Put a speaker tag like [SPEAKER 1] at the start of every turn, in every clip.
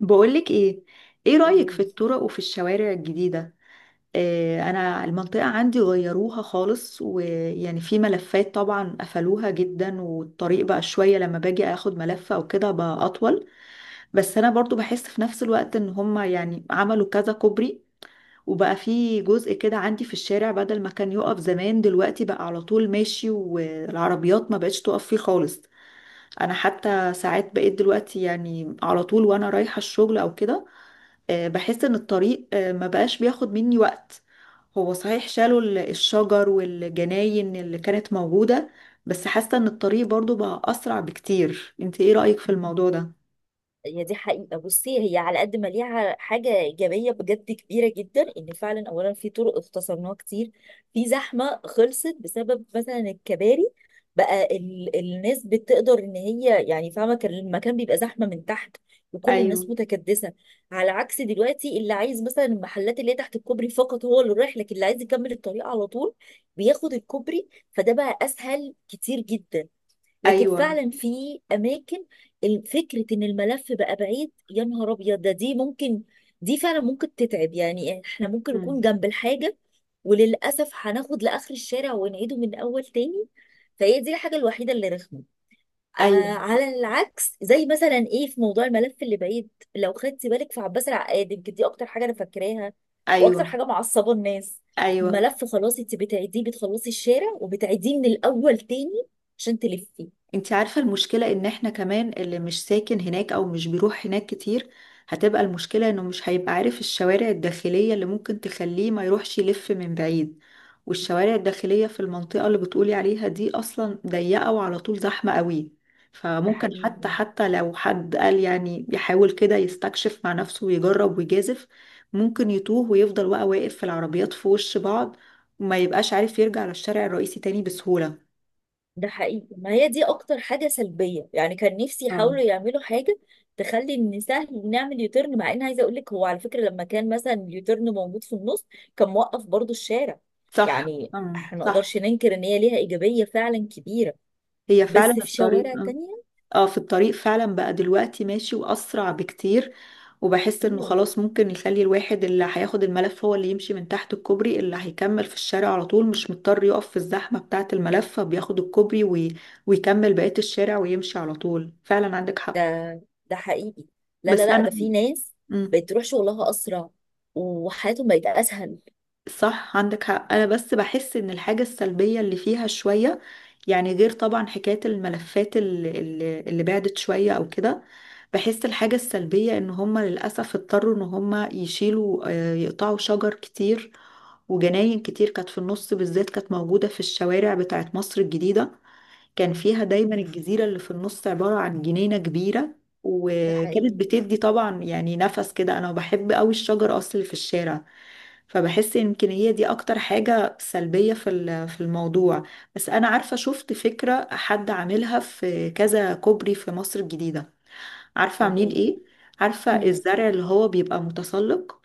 [SPEAKER 1] بقولك ايه، ايه رأيك في الطرق وفي الشوارع الجديدة؟ آه، انا المنطقة عندي غيروها خالص، ويعني في ملفات طبعا قفلوها جدا، والطريق بقى شوية لما باجي اخد ملف او كده بقى اطول. بس انا برضو بحس في نفس الوقت ان هما يعني عملوا كذا كوبري، وبقى في جزء كده عندي في الشارع بدل ما كان يقف زمان دلوقتي بقى على طول ماشي، والعربيات ما بقتش تقف فيه خالص. انا حتى ساعات بقيت دلوقتي يعني على طول وانا رايحة الشغل او كده. بحس ان الطريق ما بقاش بياخد مني وقت. هو صحيح شالوا الشجر والجناين اللي كانت موجودة، بس حاسة ان الطريق برضو بقى اسرع بكتير. انت ايه رأيك في الموضوع ده؟
[SPEAKER 2] هي دي حقيقة، بصي، هي على قد ما ليها حاجة إيجابية بجد كبيرة جدا، إن فعلا أولا في طرق اختصرناها كتير. في زحمة خلصت بسبب مثلا الكباري. بقى الناس بتقدر إن هي يعني فاهمة، كان المكان بيبقى زحمة من تحت وكل
[SPEAKER 1] ايوه.
[SPEAKER 2] الناس متكدسة، على عكس دلوقتي اللي عايز مثلا المحلات اللي هي تحت الكوبري فقط هو اللي رايح، لكن اللي عايز يكمل الطريق على طول بياخد الكوبري، فده بقى أسهل كتير جدا. لكن
[SPEAKER 1] ايوه.
[SPEAKER 2] فعلا في اماكن، فكره ان الملف بقى بعيد، يا نهار ابيض ده، دي ممكن، دي فعلا ممكن تتعب، يعني احنا ممكن نكون
[SPEAKER 1] مم.
[SPEAKER 2] جنب الحاجه وللاسف هناخد لاخر الشارع ونعيده من اول تاني. فهي دي الحاجه الوحيده اللي رخمه. آه.
[SPEAKER 1] ايوه.
[SPEAKER 2] على العكس، زي مثلا ايه، في موضوع الملف اللي بعيد، لو خدتي بالك في عباس العقاد، يمكن دي اكتر حاجه انا فاكراها، واكتر
[SPEAKER 1] ايوه.
[SPEAKER 2] حاجه معصبه الناس.
[SPEAKER 1] ايوه.
[SPEAKER 2] ملف، خلاص انت بتعيديه، بتخلصي الشارع وبتعيديه من الاول تاني عشان تلفي.
[SPEAKER 1] انت عارفة المشكلة ان احنا كمان اللي مش ساكن هناك او مش بيروح هناك كتير، هتبقى المشكلة انه مش هيبقى عارف الشوارع الداخلية اللي ممكن تخليه ما يروحش يلف من بعيد. والشوارع الداخلية في المنطقة اللي بتقولي عليها دي اصلا ضيقة وعلى طول زحمة قوي،
[SPEAKER 2] ده
[SPEAKER 1] فممكن حتى
[SPEAKER 2] حقيقي.
[SPEAKER 1] حتى لو حد قال يعني يحاول كده يستكشف مع نفسه ويجرب ويجازف، ممكن يتوه ويفضل بقى واقف في العربيات في وش بعض، وما يبقاش عارف يرجع للشارع الرئيسي تاني بسهولة.
[SPEAKER 2] ده حقيقي، ما هي دي اكتر حاجة سلبية، يعني كان نفسي
[SPEAKER 1] اه
[SPEAKER 2] يحاولوا يعملوا حاجة تخلي ان سهل نعمل يوتيرن، مع ان عايزة اقول لك، هو على فكرة لما كان مثلا اليوتيرن موجود في النص كان موقف برضو الشارع.
[SPEAKER 1] صح.
[SPEAKER 2] يعني احنا ما
[SPEAKER 1] صح.
[SPEAKER 2] نقدرش ننكر ان هي ليها ايجابية فعلا كبيرة،
[SPEAKER 1] هي
[SPEAKER 2] بس
[SPEAKER 1] فعلا
[SPEAKER 2] في
[SPEAKER 1] الطريق
[SPEAKER 2] شوارع تانية
[SPEAKER 1] اه، في الطريق فعلا بقى دلوقتي ماشي واسرع بكتير، وبحس انه
[SPEAKER 2] كتير.
[SPEAKER 1] خلاص ممكن يخلي الواحد اللي هياخد الملف هو اللي يمشي من تحت الكوبري، اللي هيكمل في الشارع على طول مش مضطر يقف في الزحمة بتاعة الملف، فبياخد الكوبري ويكمل بقية الشارع ويمشي على طول. فعلا عندك حق.
[SPEAKER 2] ده حقيقي. لا، لا،
[SPEAKER 1] بس
[SPEAKER 2] لا،
[SPEAKER 1] انا.
[SPEAKER 2] ده في ناس
[SPEAKER 1] مم.
[SPEAKER 2] بقت تروح شغلها اسرع وحياتهم بقت اسهل.
[SPEAKER 1] صح عندك حق. انا بس بحس ان الحاجة السلبية اللي فيها شوية، يعني غير طبعا حكاية الملفات اللي بعدت شوية او كده، بحس الحاجة السلبية ان هم للأسف اضطروا ان هم يشيلوا يقطعوا شجر كتير وجناين كتير كانت في النص، بالذات كانت موجودة في الشوارع بتاعت مصر الجديدة، كان فيها دايما الجزيرة اللي في النص عبارة عن جنينة كبيرة،
[SPEAKER 2] ده
[SPEAKER 1] وكانت
[SPEAKER 2] حقيقي.
[SPEAKER 1] بتدي طبعا يعني نفس كده. انا بحب قوي الشجر اصل اللي في الشارع، فبحس يمكن هي دي اكتر حاجة سلبية في في الموضوع. بس انا عارفة شفت فكرة حد عاملها في كذا كوبري في مصر الجديدة. عارفة
[SPEAKER 2] ايه
[SPEAKER 1] عاملين
[SPEAKER 2] هي؟
[SPEAKER 1] ايه؟ عارفة
[SPEAKER 2] مم.
[SPEAKER 1] الزرع اللي هو بيبقى متسلق؟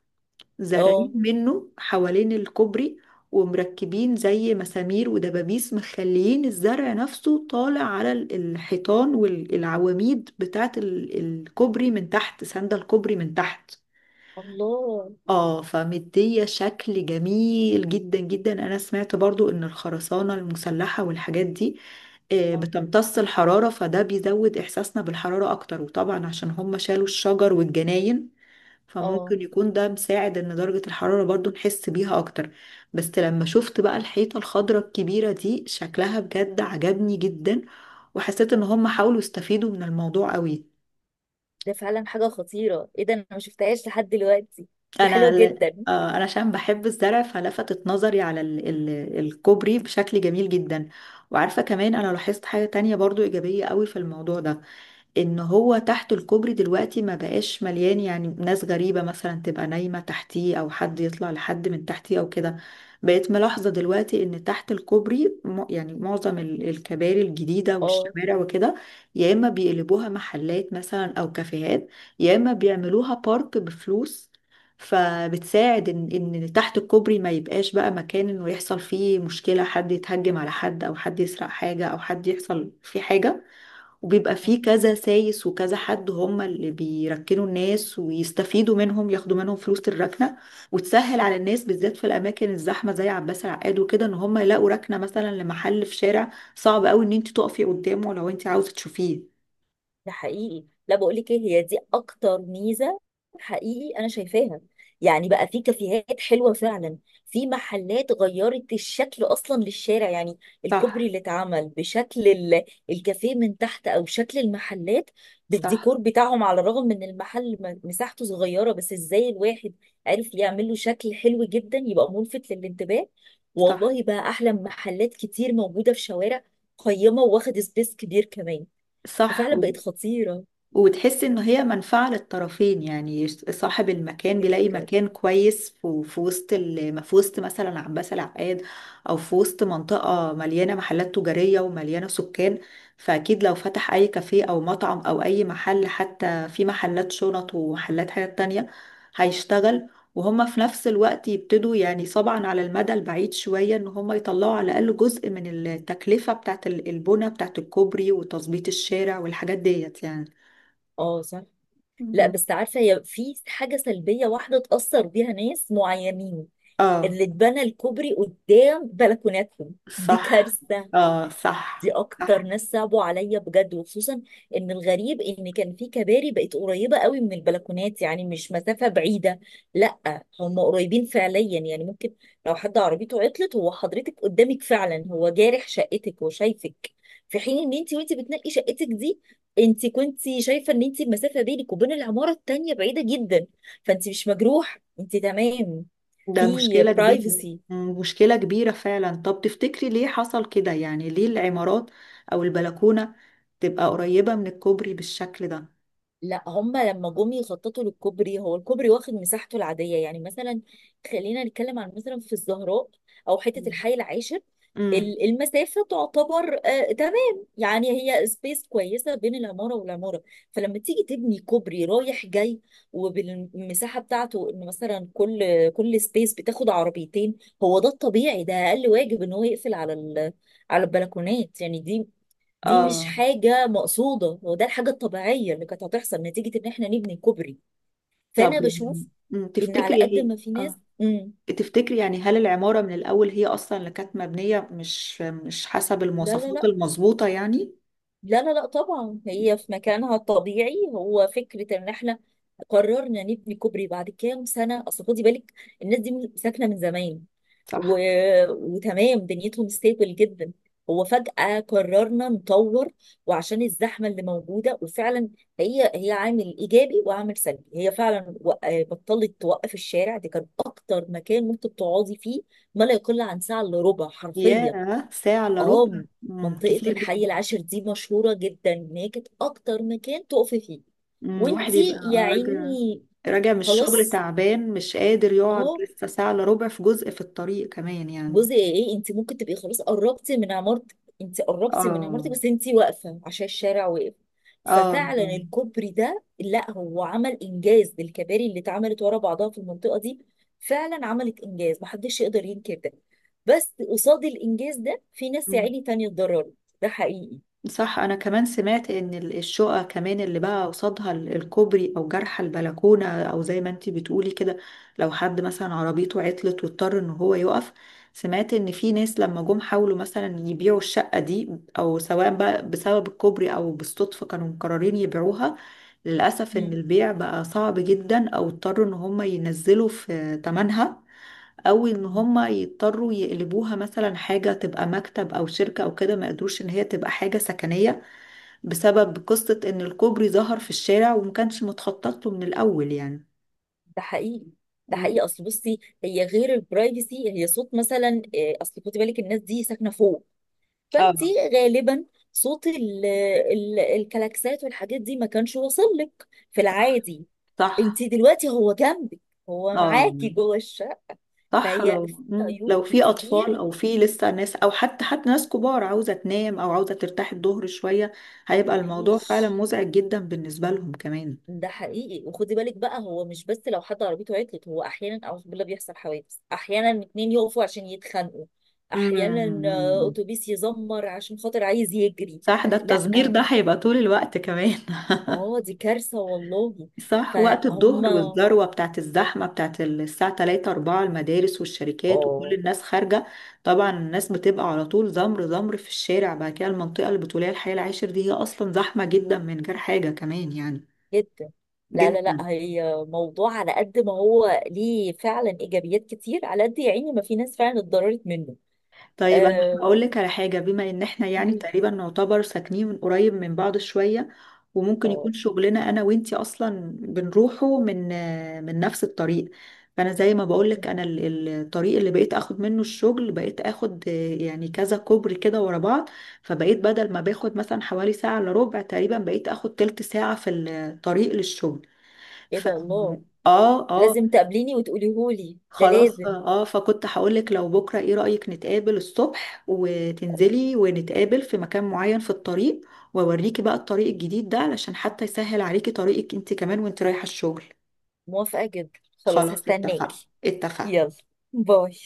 [SPEAKER 1] زارعين
[SPEAKER 2] اه.
[SPEAKER 1] منه حوالين الكوبري، ومركبين زي مسامير ودبابيس مخليين الزرع نفسه طالع على الحيطان والعواميد بتاعة الكوبري من تحت، سندة الكوبري من تحت.
[SPEAKER 2] الله.
[SPEAKER 1] اه، فمدية شكل جميل جدا جدا. انا سمعت برضو ان الخرسانة المسلحة والحاجات دي
[SPEAKER 2] اه.
[SPEAKER 1] بتمتص الحرارة، فده بيزود احساسنا بالحرارة اكتر، وطبعا عشان هم شالوا الشجر والجناين،
[SPEAKER 2] اه.
[SPEAKER 1] فممكن يكون ده مساعد ان درجة الحرارة برضو نحس بيها اكتر. بس لما شفت بقى الحيطة الخضراء الكبيرة دي، شكلها بجد عجبني جدا، وحسيت ان هم حاولوا يستفيدوا من الموضوع قوي.
[SPEAKER 2] ده فعلا حاجة خطيرة، ايه ده؟ انا ما شفتهاش لحد دلوقتي، دي حلوة
[SPEAKER 1] انا
[SPEAKER 2] جدا.
[SPEAKER 1] انا عشان بحب الزرع فلفتت نظري على الكوبري بشكل جميل جدا. وعارفة كمان انا لاحظت حاجة تانية برضو ايجابية قوي في الموضوع ده، ان هو تحت الكوبري دلوقتي ما بقاش مليان يعني ناس غريبة مثلا تبقى نايمة تحتيه، او حد يطلع لحد من تحتيه او كده. بقيت ملاحظة دلوقتي ان تحت الكوبري يعني معظم الكباري الجديدة
[SPEAKER 2] اه.
[SPEAKER 1] والشوارع وكده، يا اما بيقلبوها محلات مثلا او كافيهات، يا اما بيعملوها بارك بفلوس، فبتساعد ان ان تحت الكوبري ما يبقاش بقى مكان انه يحصل فيه مشكلة، حد يتهجم على حد او حد يسرق حاجة او حد يحصل فيه حاجة، وبيبقى فيه كذا سايس وكذا حد هم اللي بيركنوا الناس ويستفيدوا منهم ياخدوا منهم فلوس الركنة. وتسهل على الناس بالذات في الأماكن الزحمة زي عباس العقاد وكده، إن هم يلاقوا ركنة مثلا لمحل في شارع صعب قوي إن أنت تقفي قدامه لو أنت عاوزة تشوفيه.
[SPEAKER 2] ده حقيقي، لا بقول لك ايه، هي دي اكتر ميزه، حقيقي انا شايفاها. يعني بقى في كافيهات حلوه فعلا، في محلات غيرت الشكل اصلا للشارع، يعني الكوبري
[SPEAKER 1] صح.
[SPEAKER 2] اللي اتعمل بشكل الكافيه من تحت، او شكل المحلات بالديكور
[SPEAKER 1] صح.
[SPEAKER 2] بتاعهم. على الرغم من المحل مساحته صغيره، بس ازاي الواحد عرف يعمل له شكل حلو جدا، يبقى ملفت للانتباه.
[SPEAKER 1] صح.
[SPEAKER 2] والله بقى احلى من محلات كتير موجوده في شوارع قيمه، واخد سبيس كبير كمان.
[SPEAKER 1] صح.
[SPEAKER 2] ففعلا بقت خطيرة
[SPEAKER 1] وتحس إن هي منفعة للطرفين، يعني صاحب المكان بيلاقي
[SPEAKER 2] جدا.
[SPEAKER 1] مكان كويس في وسط في وسط مثلا عباس العقاد، أو في وسط منطقة مليانة محلات تجارية ومليانة سكان، فأكيد لو فتح أي كافيه أو مطعم أو أي محل، حتى في محلات شنط ومحلات حاجات تانية، هيشتغل. وهما في نفس الوقت يبتدوا يعني طبعا على المدى البعيد شوية إن هما يطلعوا على الأقل جزء من التكلفة بتاعت البنى بتاعت الكوبري وتظبيط الشارع والحاجات ديت يعني.
[SPEAKER 2] اه، صح. لا،
[SPEAKER 1] مم.
[SPEAKER 2] بس عارفة، هي في حاجة سلبية واحدة تأثر بيها ناس معينين،
[SPEAKER 1] اه
[SPEAKER 2] اللي اتبنى الكوبري قدام بلكوناتهم، دي
[SPEAKER 1] صح.
[SPEAKER 2] كارثة.
[SPEAKER 1] اه
[SPEAKER 2] دي
[SPEAKER 1] صح.
[SPEAKER 2] اكتر
[SPEAKER 1] صح.
[SPEAKER 2] ناس صعبوا عليا بجد، وخصوصا ان الغريب ان كان في كباري بقت قريبه قوي من البلكونات، يعني مش مسافه بعيده. لا، هم قريبين فعليا، يعني ممكن لو حد عربيته عطلت، هو حضرتك قدامك، فعلا هو جارح شقتك وشايفك، في حين ان انت وانت بتنقي شقتك دي، انت كنت شايفه ان انت المسافه بينك وبين العماره التانيه بعيده جدا، فانت مش مجروح، انت تمام، في
[SPEAKER 1] ده مشكلة كبيرة،
[SPEAKER 2] برايفسي.
[SPEAKER 1] مشكلة كبيرة فعلا. طب تفتكري ليه حصل كده، يعني ليه العمارات او البلكونة تبقى قريبة من الكوبري بالشكل ده؟
[SPEAKER 2] لا، هما لما جم يخططوا للكوبري، هو الكوبري واخد مساحته العادية، يعني مثلا خلينا نتكلم عن مثلا في الزهراء أو حتة
[SPEAKER 1] مم.
[SPEAKER 2] الحي العاشر،
[SPEAKER 1] امم
[SPEAKER 2] المسافة تعتبر تمام، يعني هي سبيس كويسة بين العمارة والعمارة، فلما تيجي تبني كوبري رايح جاي، وبالمساحة بتاعته، إن مثلا كل سبيس بتاخد عربيتين، هو ده الطبيعي، ده أقل واجب إن هو يقفل على البلكونات يعني، دي دي مش
[SPEAKER 1] اه.
[SPEAKER 2] حاجة مقصودة، هو ده الحاجة الطبيعية اللي كانت هتحصل نتيجة ان احنا نبني كوبري. فانا
[SPEAKER 1] طب يعني.
[SPEAKER 2] بشوف ان على
[SPEAKER 1] تفتكري
[SPEAKER 2] قد
[SPEAKER 1] هي.
[SPEAKER 2] ما في ناس،
[SPEAKER 1] اه،
[SPEAKER 2] مم.
[SPEAKER 1] تفتكري يعني هل العمارة من الأول هي أصلا اللي كانت مبنية مش حسب
[SPEAKER 2] لا، لا،
[SPEAKER 1] المواصفات
[SPEAKER 2] لا،
[SPEAKER 1] المظبوطة يعني؟
[SPEAKER 2] لا، لا، لا، طبعا هي في مكانها الطبيعي، هو فكرة ان احنا قررنا نبني كوبري بعد كام سنة. اصل خدي بالك الناس دي ساكنة من زمان، و...
[SPEAKER 1] صح.
[SPEAKER 2] وتمام دنيتهم ستيبل جدا، هو فجأة قررنا نطور، وعشان الزحمة اللي موجودة، وفعلا هي هي عامل إيجابي وعامل سلبي، هي فعلا بطلت توقف الشارع، دي كان أكتر مكان ممكن تقعدي فيه ما لا يقل عن ساعة إلا ربع حرفيا.
[SPEAKER 1] ياه، ساعة إلا ربع،
[SPEAKER 2] اه. منطقة
[SPEAKER 1] كتير
[SPEAKER 2] الحي
[SPEAKER 1] جدا.
[SPEAKER 2] العاشر دي مشهورة جدا إن هي كانت أكتر مكان تقفي فيه،
[SPEAKER 1] الواحد يبقى
[SPEAKER 2] وانتي يا
[SPEAKER 1] راجع،
[SPEAKER 2] عيني.
[SPEAKER 1] راجع من الشغل
[SPEAKER 2] خلاص.
[SPEAKER 1] تعبان مش قادر يقعد
[SPEAKER 2] اه.
[SPEAKER 1] لسه ساعة إلا ربع في جزء في الطريق كمان يعني.
[SPEAKER 2] جزء ايه؟ انت ممكن تبقي خلاص قربتي من عمارتك، انت قربتي من
[SPEAKER 1] اه.
[SPEAKER 2] عمارتك بس انت واقفه عشان الشارع واقف.
[SPEAKER 1] اه.
[SPEAKER 2] ففعلا
[SPEAKER 1] آه.
[SPEAKER 2] الكوبري ده، لا، هو عمل انجاز للكباري اللي اتعملت ورا بعضها في المنطقه دي، فعلا عملت انجاز محدش يقدر ينكر ده. بس قصاد الانجاز ده، في ناس يا
[SPEAKER 1] مم.
[SPEAKER 2] عيني تانية اتضررت. ده حقيقي.
[SPEAKER 1] صح. انا كمان سمعت ان الشقق كمان اللي بقى قصادها الكوبري او جرح البلكونه، او زي ما انتي بتقولي كده لو حد مثلا عربيته عطلت واضطر ان هو يقف، سمعت ان في ناس لما جم حاولوا مثلا يبيعوا الشقه دي، او سواء بقى بسبب الكوبري او بالصدفه كانوا مقررين يبيعوها، للاسف ان
[SPEAKER 2] مم.
[SPEAKER 1] البيع بقى صعب جدا، او اضطروا ان هم ينزلوا في تمنها، او ان
[SPEAKER 2] مم.
[SPEAKER 1] هما يضطروا يقلبوها مثلا حاجة تبقى مكتب او شركة او كده، ما قدروش ان هي تبقى حاجة سكنية، بسبب قصة ان الكوبري ظهر في الشارع وما كانش متخطط له من الاول يعني.
[SPEAKER 2] ده حقيقي. ده
[SPEAKER 1] مم.
[SPEAKER 2] حقيقي، اصل بصي، هي غير البرايفسي، هي صوت مثلا، اصل خدي بالك الناس دي ساكنه فوق،
[SPEAKER 1] اه
[SPEAKER 2] فانت غالبا صوت ال ال الكلاكسات والحاجات دي ما كانش واصل لك في
[SPEAKER 1] صح.
[SPEAKER 2] العادي. انت
[SPEAKER 1] صح.
[SPEAKER 2] دلوقتي هو جنبك، هو
[SPEAKER 1] اه
[SPEAKER 2] معاكي جوه الشقه.
[SPEAKER 1] صح.
[SPEAKER 2] فهي
[SPEAKER 1] لو
[SPEAKER 2] في
[SPEAKER 1] مم.
[SPEAKER 2] عيوب
[SPEAKER 1] لو في اطفال
[SPEAKER 2] كتير،
[SPEAKER 1] او في لسه ناس، او حتى ناس كبار عاوزة تنام او عاوزة ترتاح الظهر شوية، هيبقى الموضوع فعلا
[SPEAKER 2] مفيش.
[SPEAKER 1] مزعج جدا بالنسبة لهم كمان.
[SPEAKER 2] ده حقيقي، وخدي بالك بقى، هو مش بس لو حد عربيته عطلت، هو احيانا اعوذ بالله بيحصل حوادث، احيانا اتنين يقفوا عشان يتخانقوا، احيانا
[SPEAKER 1] مم.
[SPEAKER 2] اتوبيس يزمر عشان خاطر عايز يجري.
[SPEAKER 1] صح. ده
[SPEAKER 2] لا.
[SPEAKER 1] التزمير ده هيبقى طول الوقت كمان.
[SPEAKER 2] اه، دي كارثه والله.
[SPEAKER 1] صح. وقت
[SPEAKER 2] فهم.
[SPEAKER 1] الظهر والذروة بتاعت الزحمة بتاعت الساعة 3 4، المدارس والشركات وكل
[SPEAKER 2] اه.
[SPEAKER 1] الناس خارجة، طبعا الناس بتبقى على طول زمر زمر في الشارع بعد كده. المنطقة البتولية الحي العاشر دي هي أصلا زحمة جدا من غير حاجة كمان يعني.
[SPEAKER 2] جدا. لا، لا،
[SPEAKER 1] جدا.
[SPEAKER 2] لا، هي موضوع على قد ما هو ليه فعلا ايجابيات كتير، على قد يا عيني ما في ناس فعلا اتضررت منه.
[SPEAKER 1] طيب انا
[SPEAKER 2] آه.
[SPEAKER 1] هقول لك على حاجه، بما ان احنا يعني
[SPEAKER 2] بيبي.
[SPEAKER 1] تقريبا نعتبر ساكنين من قريب من بعض شويه، وممكن
[SPEAKER 2] اه.
[SPEAKER 1] يكون شغلنا انا وانتي اصلا بنروحه من نفس الطريق، فانا زي ما بقول لك انا الطريق اللي بقيت اخد منه الشغل بقيت اخد يعني كذا كوبري كده ورا بعض، فبقيت بدل ما باخد مثلا حوالي ساعه الا ربع تقريبا بقيت اخد تلت ساعه في الطريق للشغل.
[SPEAKER 2] ايه
[SPEAKER 1] ف.
[SPEAKER 2] ده؟ الله.
[SPEAKER 1] اه اه.
[SPEAKER 2] لازم تقابليني وتقوليهولي ده،
[SPEAKER 1] خلاص
[SPEAKER 2] لازم.
[SPEAKER 1] اه، فكنت هقولك لو بكرة، ايه رأيك نتقابل الصبح
[SPEAKER 2] آه،
[SPEAKER 1] وتنزلي ونتقابل في مكان معين في الطريق، واوريكي بقى الطريق الجديد ده علشان حتى يسهل عليكي طريقك انت كمان وانت رايحة الشغل.
[SPEAKER 2] موافقة جدا، خلاص
[SPEAKER 1] خلاص، اتفقنا.
[SPEAKER 2] هستناكي.
[SPEAKER 1] اتفقنا.
[SPEAKER 2] يلا. باي.